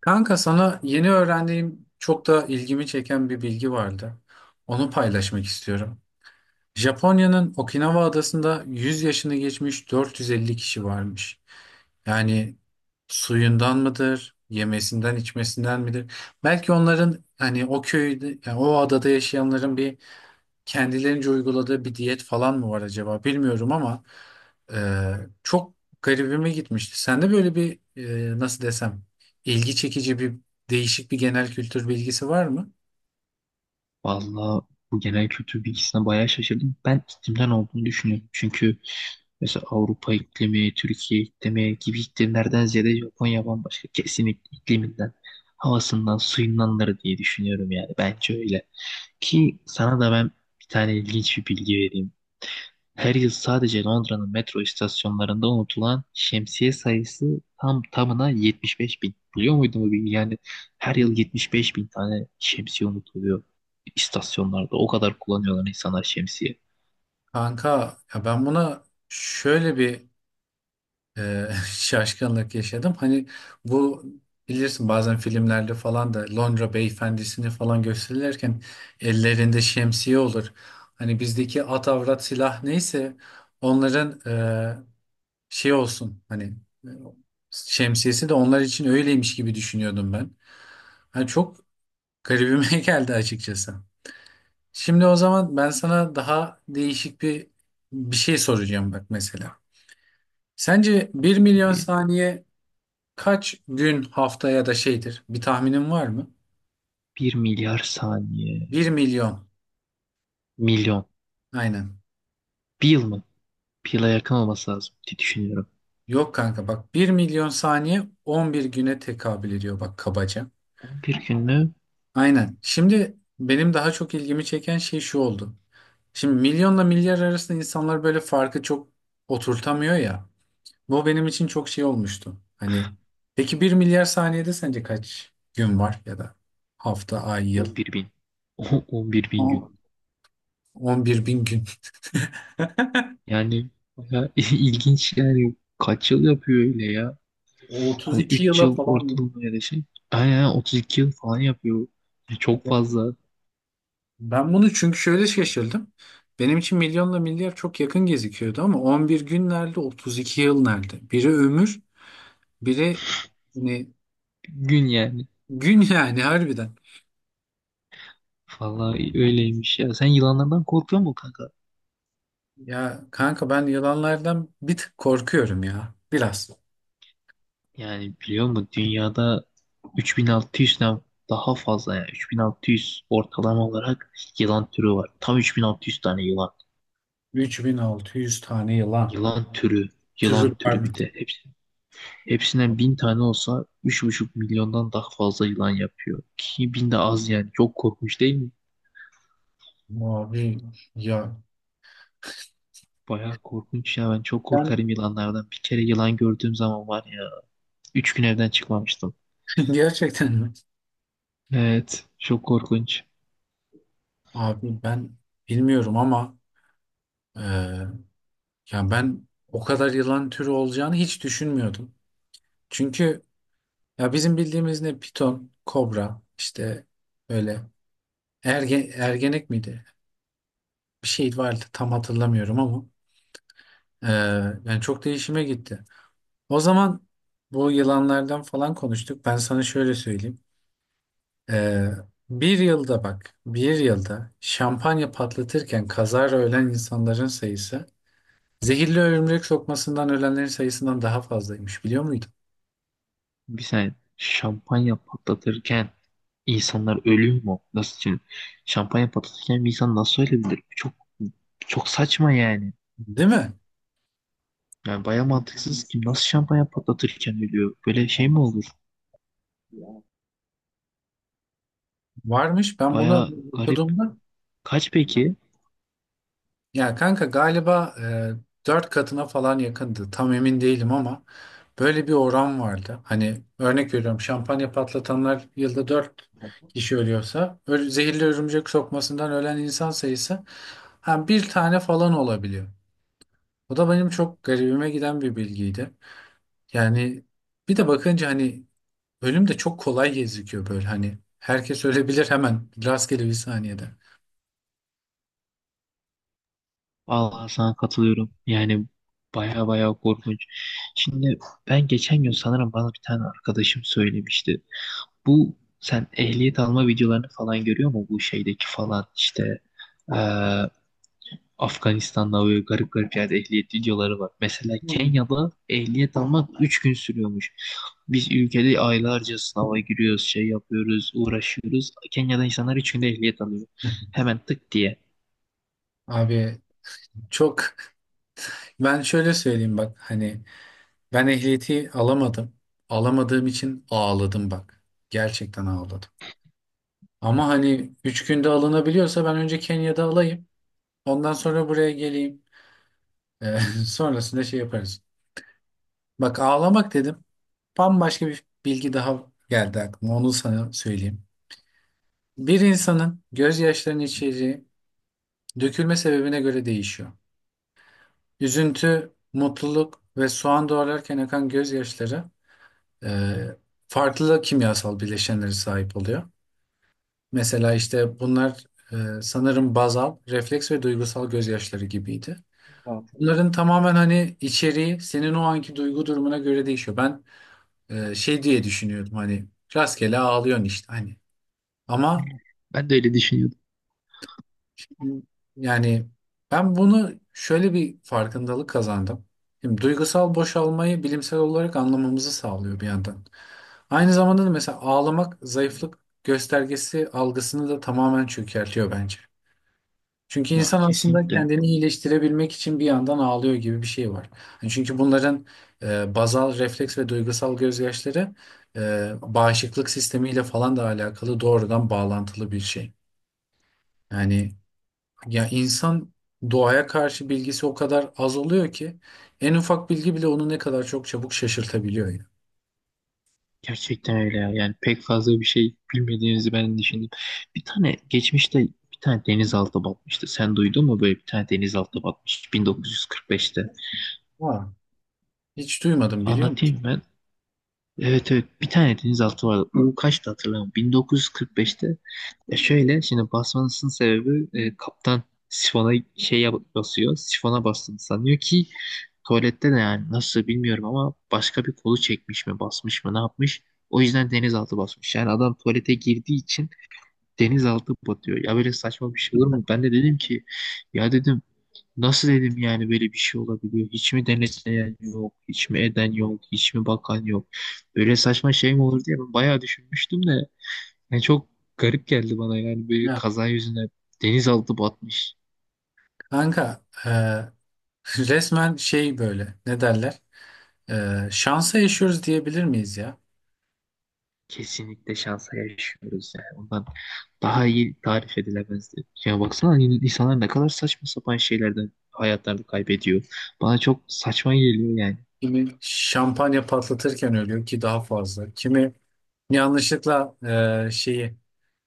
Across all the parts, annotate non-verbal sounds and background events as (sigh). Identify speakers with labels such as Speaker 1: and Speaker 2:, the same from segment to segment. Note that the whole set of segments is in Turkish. Speaker 1: Kanka sana yeni öğrendiğim çok da ilgimi çeken bir bilgi vardı. Onu paylaşmak istiyorum. Japonya'nın Okinawa adasında 100 yaşını geçmiş 450 kişi varmış. Yani suyundan mıdır, yemesinden, içmesinden midir? Belki onların hani o köyde, yani o adada yaşayanların bir kendilerince uyguladığı bir diyet falan mı var acaba bilmiyorum ama e, çok garibime gitmişti. Sende böyle bir nasıl desem ilgi çekici bir değişik bir genel kültür bilgisi var mı?
Speaker 2: Vallahi bu genel kültür bilgisine bayağı şaşırdım. Ben iklimden olduğunu düşünüyorum. Çünkü mesela Avrupa iklimi, Türkiye iklimi gibi iklimlerden ziyade Japonya bambaşka. Kesinlikle ikliminden, havasından, suyundanları diye düşünüyorum yani. Bence öyle. Ki sana da ben bir tane ilginç bir bilgi vereyim. Her yıl sadece Londra'nın metro istasyonlarında unutulan şemsiye sayısı tam tamına 75 bin. Biliyor muydun bu bilgiyi? Yani her
Speaker 1: Hmm.
Speaker 2: yıl 75 bin tane şemsiye unutuluyor istasyonlarda. O kadar kullanıyorlar insanlar şemsiye.
Speaker 1: Kanka ya ben buna şöyle bir e, (laughs) şaşkınlık yaşadım. Hani bu bilirsin bazen filmlerde falan da Londra beyefendisini falan gösterirken ellerinde şemsiye olur. Hani bizdeki at avrat silah neyse onların şey olsun hani e, şemsiyesi de onlar için öyleymiş gibi düşünüyordum ben. Hani çok garibime (laughs) geldi açıkçası. Şimdi o zaman ben sana daha değişik bir şey soracağım bak mesela. Sence 1.000.000
Speaker 2: Ve
Speaker 1: saniye kaç gün, hafta ya da şeydir? Bir tahminin var mı?
Speaker 2: 1 milyar saniye,
Speaker 1: Bir milyon.
Speaker 2: milyon,
Speaker 1: Aynen.
Speaker 2: bir yıl mı? Bir yıla yakın olması lazım diye düşünüyorum.
Speaker 1: Yok kanka bak, 1.000.000 saniye 11 güne tekabül ediyor bak, kabaca.
Speaker 2: 11 gün mü?
Speaker 1: Aynen. Şimdi benim daha çok ilgimi çeken şey şu oldu. Şimdi milyonla milyar arasında insanlar böyle farkı çok oturtamıyor ya. Bu benim için çok şey olmuştu. Hani peki 1.000.000.000 saniyede sence kaç gün var ya da hafta, ay, yıl?
Speaker 2: 11 bin. (laughs) On bir
Speaker 1: O-
Speaker 2: bin gün.
Speaker 1: On- 11 bin gün. (laughs)
Speaker 2: Yani bayağı (laughs) ilginç yani. Kaç yıl yapıyor öyle ya?
Speaker 1: O
Speaker 2: Hani
Speaker 1: 32
Speaker 2: 3
Speaker 1: yıla
Speaker 2: yıl
Speaker 1: falan.
Speaker 2: ortalama ya da şey. Aynen aynen, 32 yıl falan yapıyor. Ya çok fazla.
Speaker 1: Ben bunu çünkü şöyle şaşırdım. Benim için milyonla milyar çok yakın gözüküyordu ama 11 gün nerede, 32 yıl nerede? Biri ömür, biri hani
Speaker 2: Gün yani.
Speaker 1: gün yani, harbiden.
Speaker 2: Vallahi öyleymiş ya. Sen yılanlardan korkuyor musun kanka?
Speaker 1: Ya kanka ben yılanlardan bir tık korkuyorum ya. Biraz.
Speaker 2: Yani biliyor musun dünyada 3600'den daha fazla yani 3600 ortalama olarak yılan türü var. Tam 3600 tane yılan.
Speaker 1: 3600 tane yılan.
Speaker 2: Yılan türü, yılan
Speaker 1: Türü
Speaker 2: türü
Speaker 1: pardon.
Speaker 2: bir de hepsi. Hepsinden 1000 tane olsa 3,5 milyondan daha fazla yılan yapıyor. Ki 1000 de az yani. Çok korkmuş değil mi?
Speaker 1: Abi ya.
Speaker 2: Bayağı korkunç ya. Ben çok
Speaker 1: Ben
Speaker 2: korkarım yılanlardan. Bir kere yılan gördüğüm zaman var ya. 3 gün evden çıkmamıştım.
Speaker 1: (laughs) gerçekten mi?
Speaker 2: Evet. Çok korkunç.
Speaker 1: Abi ben bilmiyorum ama e, ya ben o kadar yılan türü olacağını hiç düşünmüyordum. Çünkü ya bizim bildiğimiz ne piton, kobra işte, böyle ergenek miydi? Bir şey vardı tam hatırlamıyorum ama e, yani çok değişime gitti. O zaman bu yılanlardan falan konuştuk. Ben sana şöyle söyleyeyim. Ee, bir yılda bak, bir yılda şampanya patlatırken kazara ölen insanların sayısı zehirli örümcek sokmasından ölenlerin sayısından daha fazlaymış, biliyor muydun?
Speaker 2: Bir saniye. Şampanya patlatırken insanlar ölüyor mu? Nasıl şimdi? Şampanya patlatırken bir insan nasıl ölebilir? Çok çok saçma yani.
Speaker 1: Değil mi?
Speaker 2: Yani bayağı mantıksız ki nasıl şampanya patlatırken ölüyor? Böyle şey mi olur?
Speaker 1: Varmış. Ben bunu
Speaker 2: Bayağı garip.
Speaker 1: okuduğumda,
Speaker 2: Kaç peki?
Speaker 1: ya kanka galiba 4 katına falan yakındı. Tam emin değilim ama böyle bir oran vardı. Hani örnek veriyorum, şampanya patlatanlar yılda 4 kişi ölüyorsa zehirli örümcek sokmasından ölen insan sayısı, ha, bir tane falan olabiliyor. O da benim çok garibime giden bir bilgiydi. Yani bir de bakınca hani ölüm de çok kolay gözüküyor böyle, hani herkes ölebilir hemen rastgele bir saniyede.
Speaker 2: Vallahi sana katılıyorum. Yani baya baya korkunç. Şimdi ben geçen gün sanırım bana bir tane arkadaşım söylemişti. Bu sen ehliyet alma videolarını falan görüyor mu? Bu şeydeki falan işte eee Afganistan'da böyle garip garip yerde ehliyet videoları var. Mesela
Speaker 1: Hmm.
Speaker 2: Kenya'da ehliyet almak 3 gün sürüyormuş. Biz ülkede aylarca sınava giriyoruz, şey yapıyoruz, uğraşıyoruz. Kenya'da insanlar 3 günde ehliyet alıyor. Hemen tık diye.
Speaker 1: Abi çok (laughs) Ben şöyle söyleyeyim bak, hani ben ehliyeti alamadım. Alamadığım için ağladım bak. Gerçekten ağladım. Ama hani 3 günde alınabiliyorsa ben önce Kenya'da alayım. Ondan sonra buraya geleyim. Ee, (laughs) Sonrasında şey yaparız. Bak, ağlamak dedim. Bambaşka bir bilgi daha geldi aklıma. Onu sana söyleyeyim. Bir insanın gözyaşlarının içeriği dökülme sebebine göre değişiyor. Üzüntü, mutluluk ve soğan doğrarken akan gözyaşları e, farklı kimyasal bileşenlere sahip oluyor. Mesela işte bunlar sanırım bazal, refleks ve duygusal gözyaşları gibiydi. Bunların tamamen hani içeriği senin o anki duygu durumuna göre değişiyor. Ben şey diye düşünüyordum hani, rastgele ağlıyorsun işte hani. Ama
Speaker 2: Ben de öyle düşünüyordum.
Speaker 1: yani ben bunu şöyle bir farkındalık kazandım. Şimdi duygusal boşalmayı bilimsel olarak anlamamızı sağlıyor bir yandan. Aynı zamanda da mesela ağlamak zayıflık göstergesi algısını da tamamen çökertiyor bence. Çünkü
Speaker 2: Ya
Speaker 1: insan aslında
Speaker 2: kesinlikle.
Speaker 1: kendini iyileştirebilmek için bir yandan ağlıyor gibi bir şey var. Yani çünkü bunların bazal refleks ve duygusal gözyaşları bağışıklık sistemiyle falan da alakalı, doğrudan bağlantılı bir şey. Yani ya insan doğaya karşı bilgisi o kadar az oluyor ki en ufak bilgi bile onu ne kadar çok çabuk şaşırtabiliyor ya.
Speaker 2: Gerçekten öyle ya. Yani pek fazla bir şey bilmediğinizi ben düşündüm. Bir tane geçmişte bir tane denizaltı batmıştı. Sen duydun mu böyle bir tane denizaltı batmış 1945'te?
Speaker 1: Ha. Hiç duymadım, biliyor musun?
Speaker 2: Anlatayım ben. Evet evet bir tane denizaltı vardı. U kaçtı hatırlamıyorum. 1945'te. Ya şöyle şimdi basmasının sebebi kaptan sifona basıyor. Sifona bastığını sanıyor ki tuvalette de yani nasıl bilmiyorum ama başka bir kolu çekmiş mi basmış mı ne yapmış. O yüzden denizaltı basmış. Yani adam tuvalete girdiği için denizaltı batıyor. Ya böyle saçma bir şey olur mu? Ben de dedim ki ya dedim nasıl dedim yani böyle bir şey olabiliyor? Hiç mi denetleyen yok? Hiç mi eden yok? Hiç mi bakan yok? Böyle saçma şey mi olur diye ben bayağı düşünmüştüm de. Yani çok garip geldi bana yani böyle
Speaker 1: Ya
Speaker 2: kaza yüzüne denizaltı batmış.
Speaker 1: kanka (laughs) resmen şey, böyle ne derler? Şansa yaşıyoruz diyebilir miyiz ya?
Speaker 2: Kesinlikle şansa yaşıyoruz yani. Ondan daha iyi tarif edilemezdi. Ya baksana insanlar ne kadar saçma sapan şeylerden hayatlarını kaybediyor. Bana çok saçma geliyor yani.
Speaker 1: Kimi şampanya patlatırken ölüyor ki daha fazla. Kimi yanlışlıkla şeyi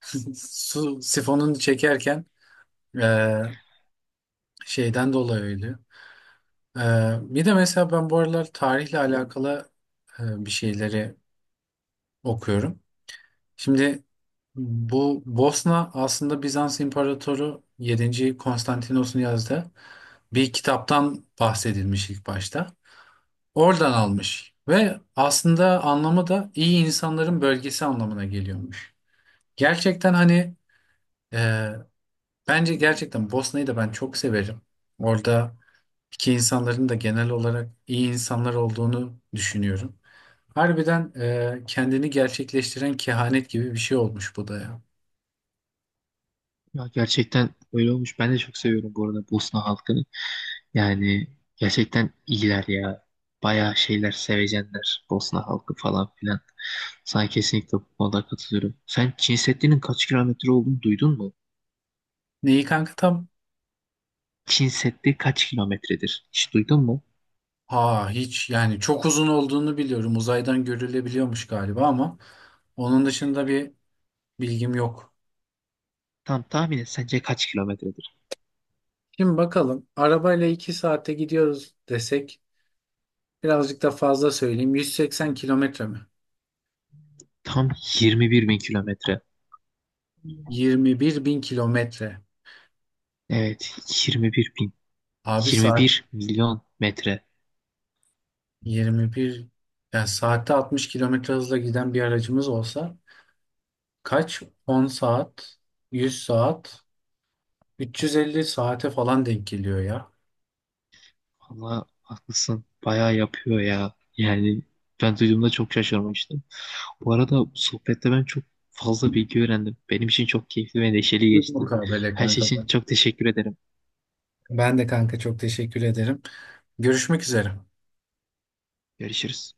Speaker 1: (laughs) su sifonunu çekerken e, şeyden dolayı ölüyor. Bir de mesela ben bu aralar tarihle alakalı bir şeyleri okuyorum. Şimdi bu Bosna aslında Bizans İmparatoru 7. Konstantinos'un yazdığı bir kitaptan bahsedilmiş ilk başta. Oradan almış ve aslında anlamı da iyi insanların bölgesi anlamına geliyormuş. Gerçekten hani e, bence gerçekten Bosna'yı da ben çok severim. Orada ki insanların da genel olarak iyi insanlar olduğunu düşünüyorum. Harbiden kendini gerçekleştiren kehanet gibi bir şey olmuş bu da ya.
Speaker 2: Ya gerçekten öyle olmuş. Ben de çok seviyorum bu arada Bosna halkını. Yani gerçekten iyiler ya. Bayağı şeyler sevecenler Bosna halkı falan filan. Sana kesinlikle bu konuda katılıyorum. Sen Çin Seddi'nin kaç kilometre olduğunu duydun mu?
Speaker 1: Neyi kanka tam?
Speaker 2: Çin Seddi kaç kilometredir? Hiç duydun mu?
Speaker 1: Ha, hiç yani, çok uzun olduğunu biliyorum. Uzaydan görülebiliyormuş galiba ama onun dışında bir bilgim yok.
Speaker 2: Tam tahmin et sence kaç kilometredir?
Speaker 1: Şimdi bakalım, arabayla 2 saate gidiyoruz desek, birazcık da fazla söyleyeyim, 180 kilometre mi?
Speaker 2: Tam 21 bin kilometre.
Speaker 1: 21 bin kilometre.
Speaker 2: Evet 21 bin.
Speaker 1: Abi saat.
Speaker 2: 21 milyon metre.
Speaker 1: 21 yani, saatte 60 kilometre hızla giden bir aracımız olsa kaç? 10 saat, 100 saat, 350 saate falan denk geliyor ya.
Speaker 2: Valla haklısın. Bayağı yapıyor ya. Yani ben duyduğumda çok şaşırmıştım. Bu arada bu sohbette ben çok fazla bilgi öğrendim. Benim için çok keyifli ve neşeli
Speaker 1: Bu
Speaker 2: geçti.
Speaker 1: Mukabele
Speaker 2: Her şey
Speaker 1: kanka,
Speaker 2: için
Speaker 1: ben.
Speaker 2: çok teşekkür ederim.
Speaker 1: Ben de kanka çok teşekkür ederim. Görüşmek üzere.
Speaker 2: Görüşürüz.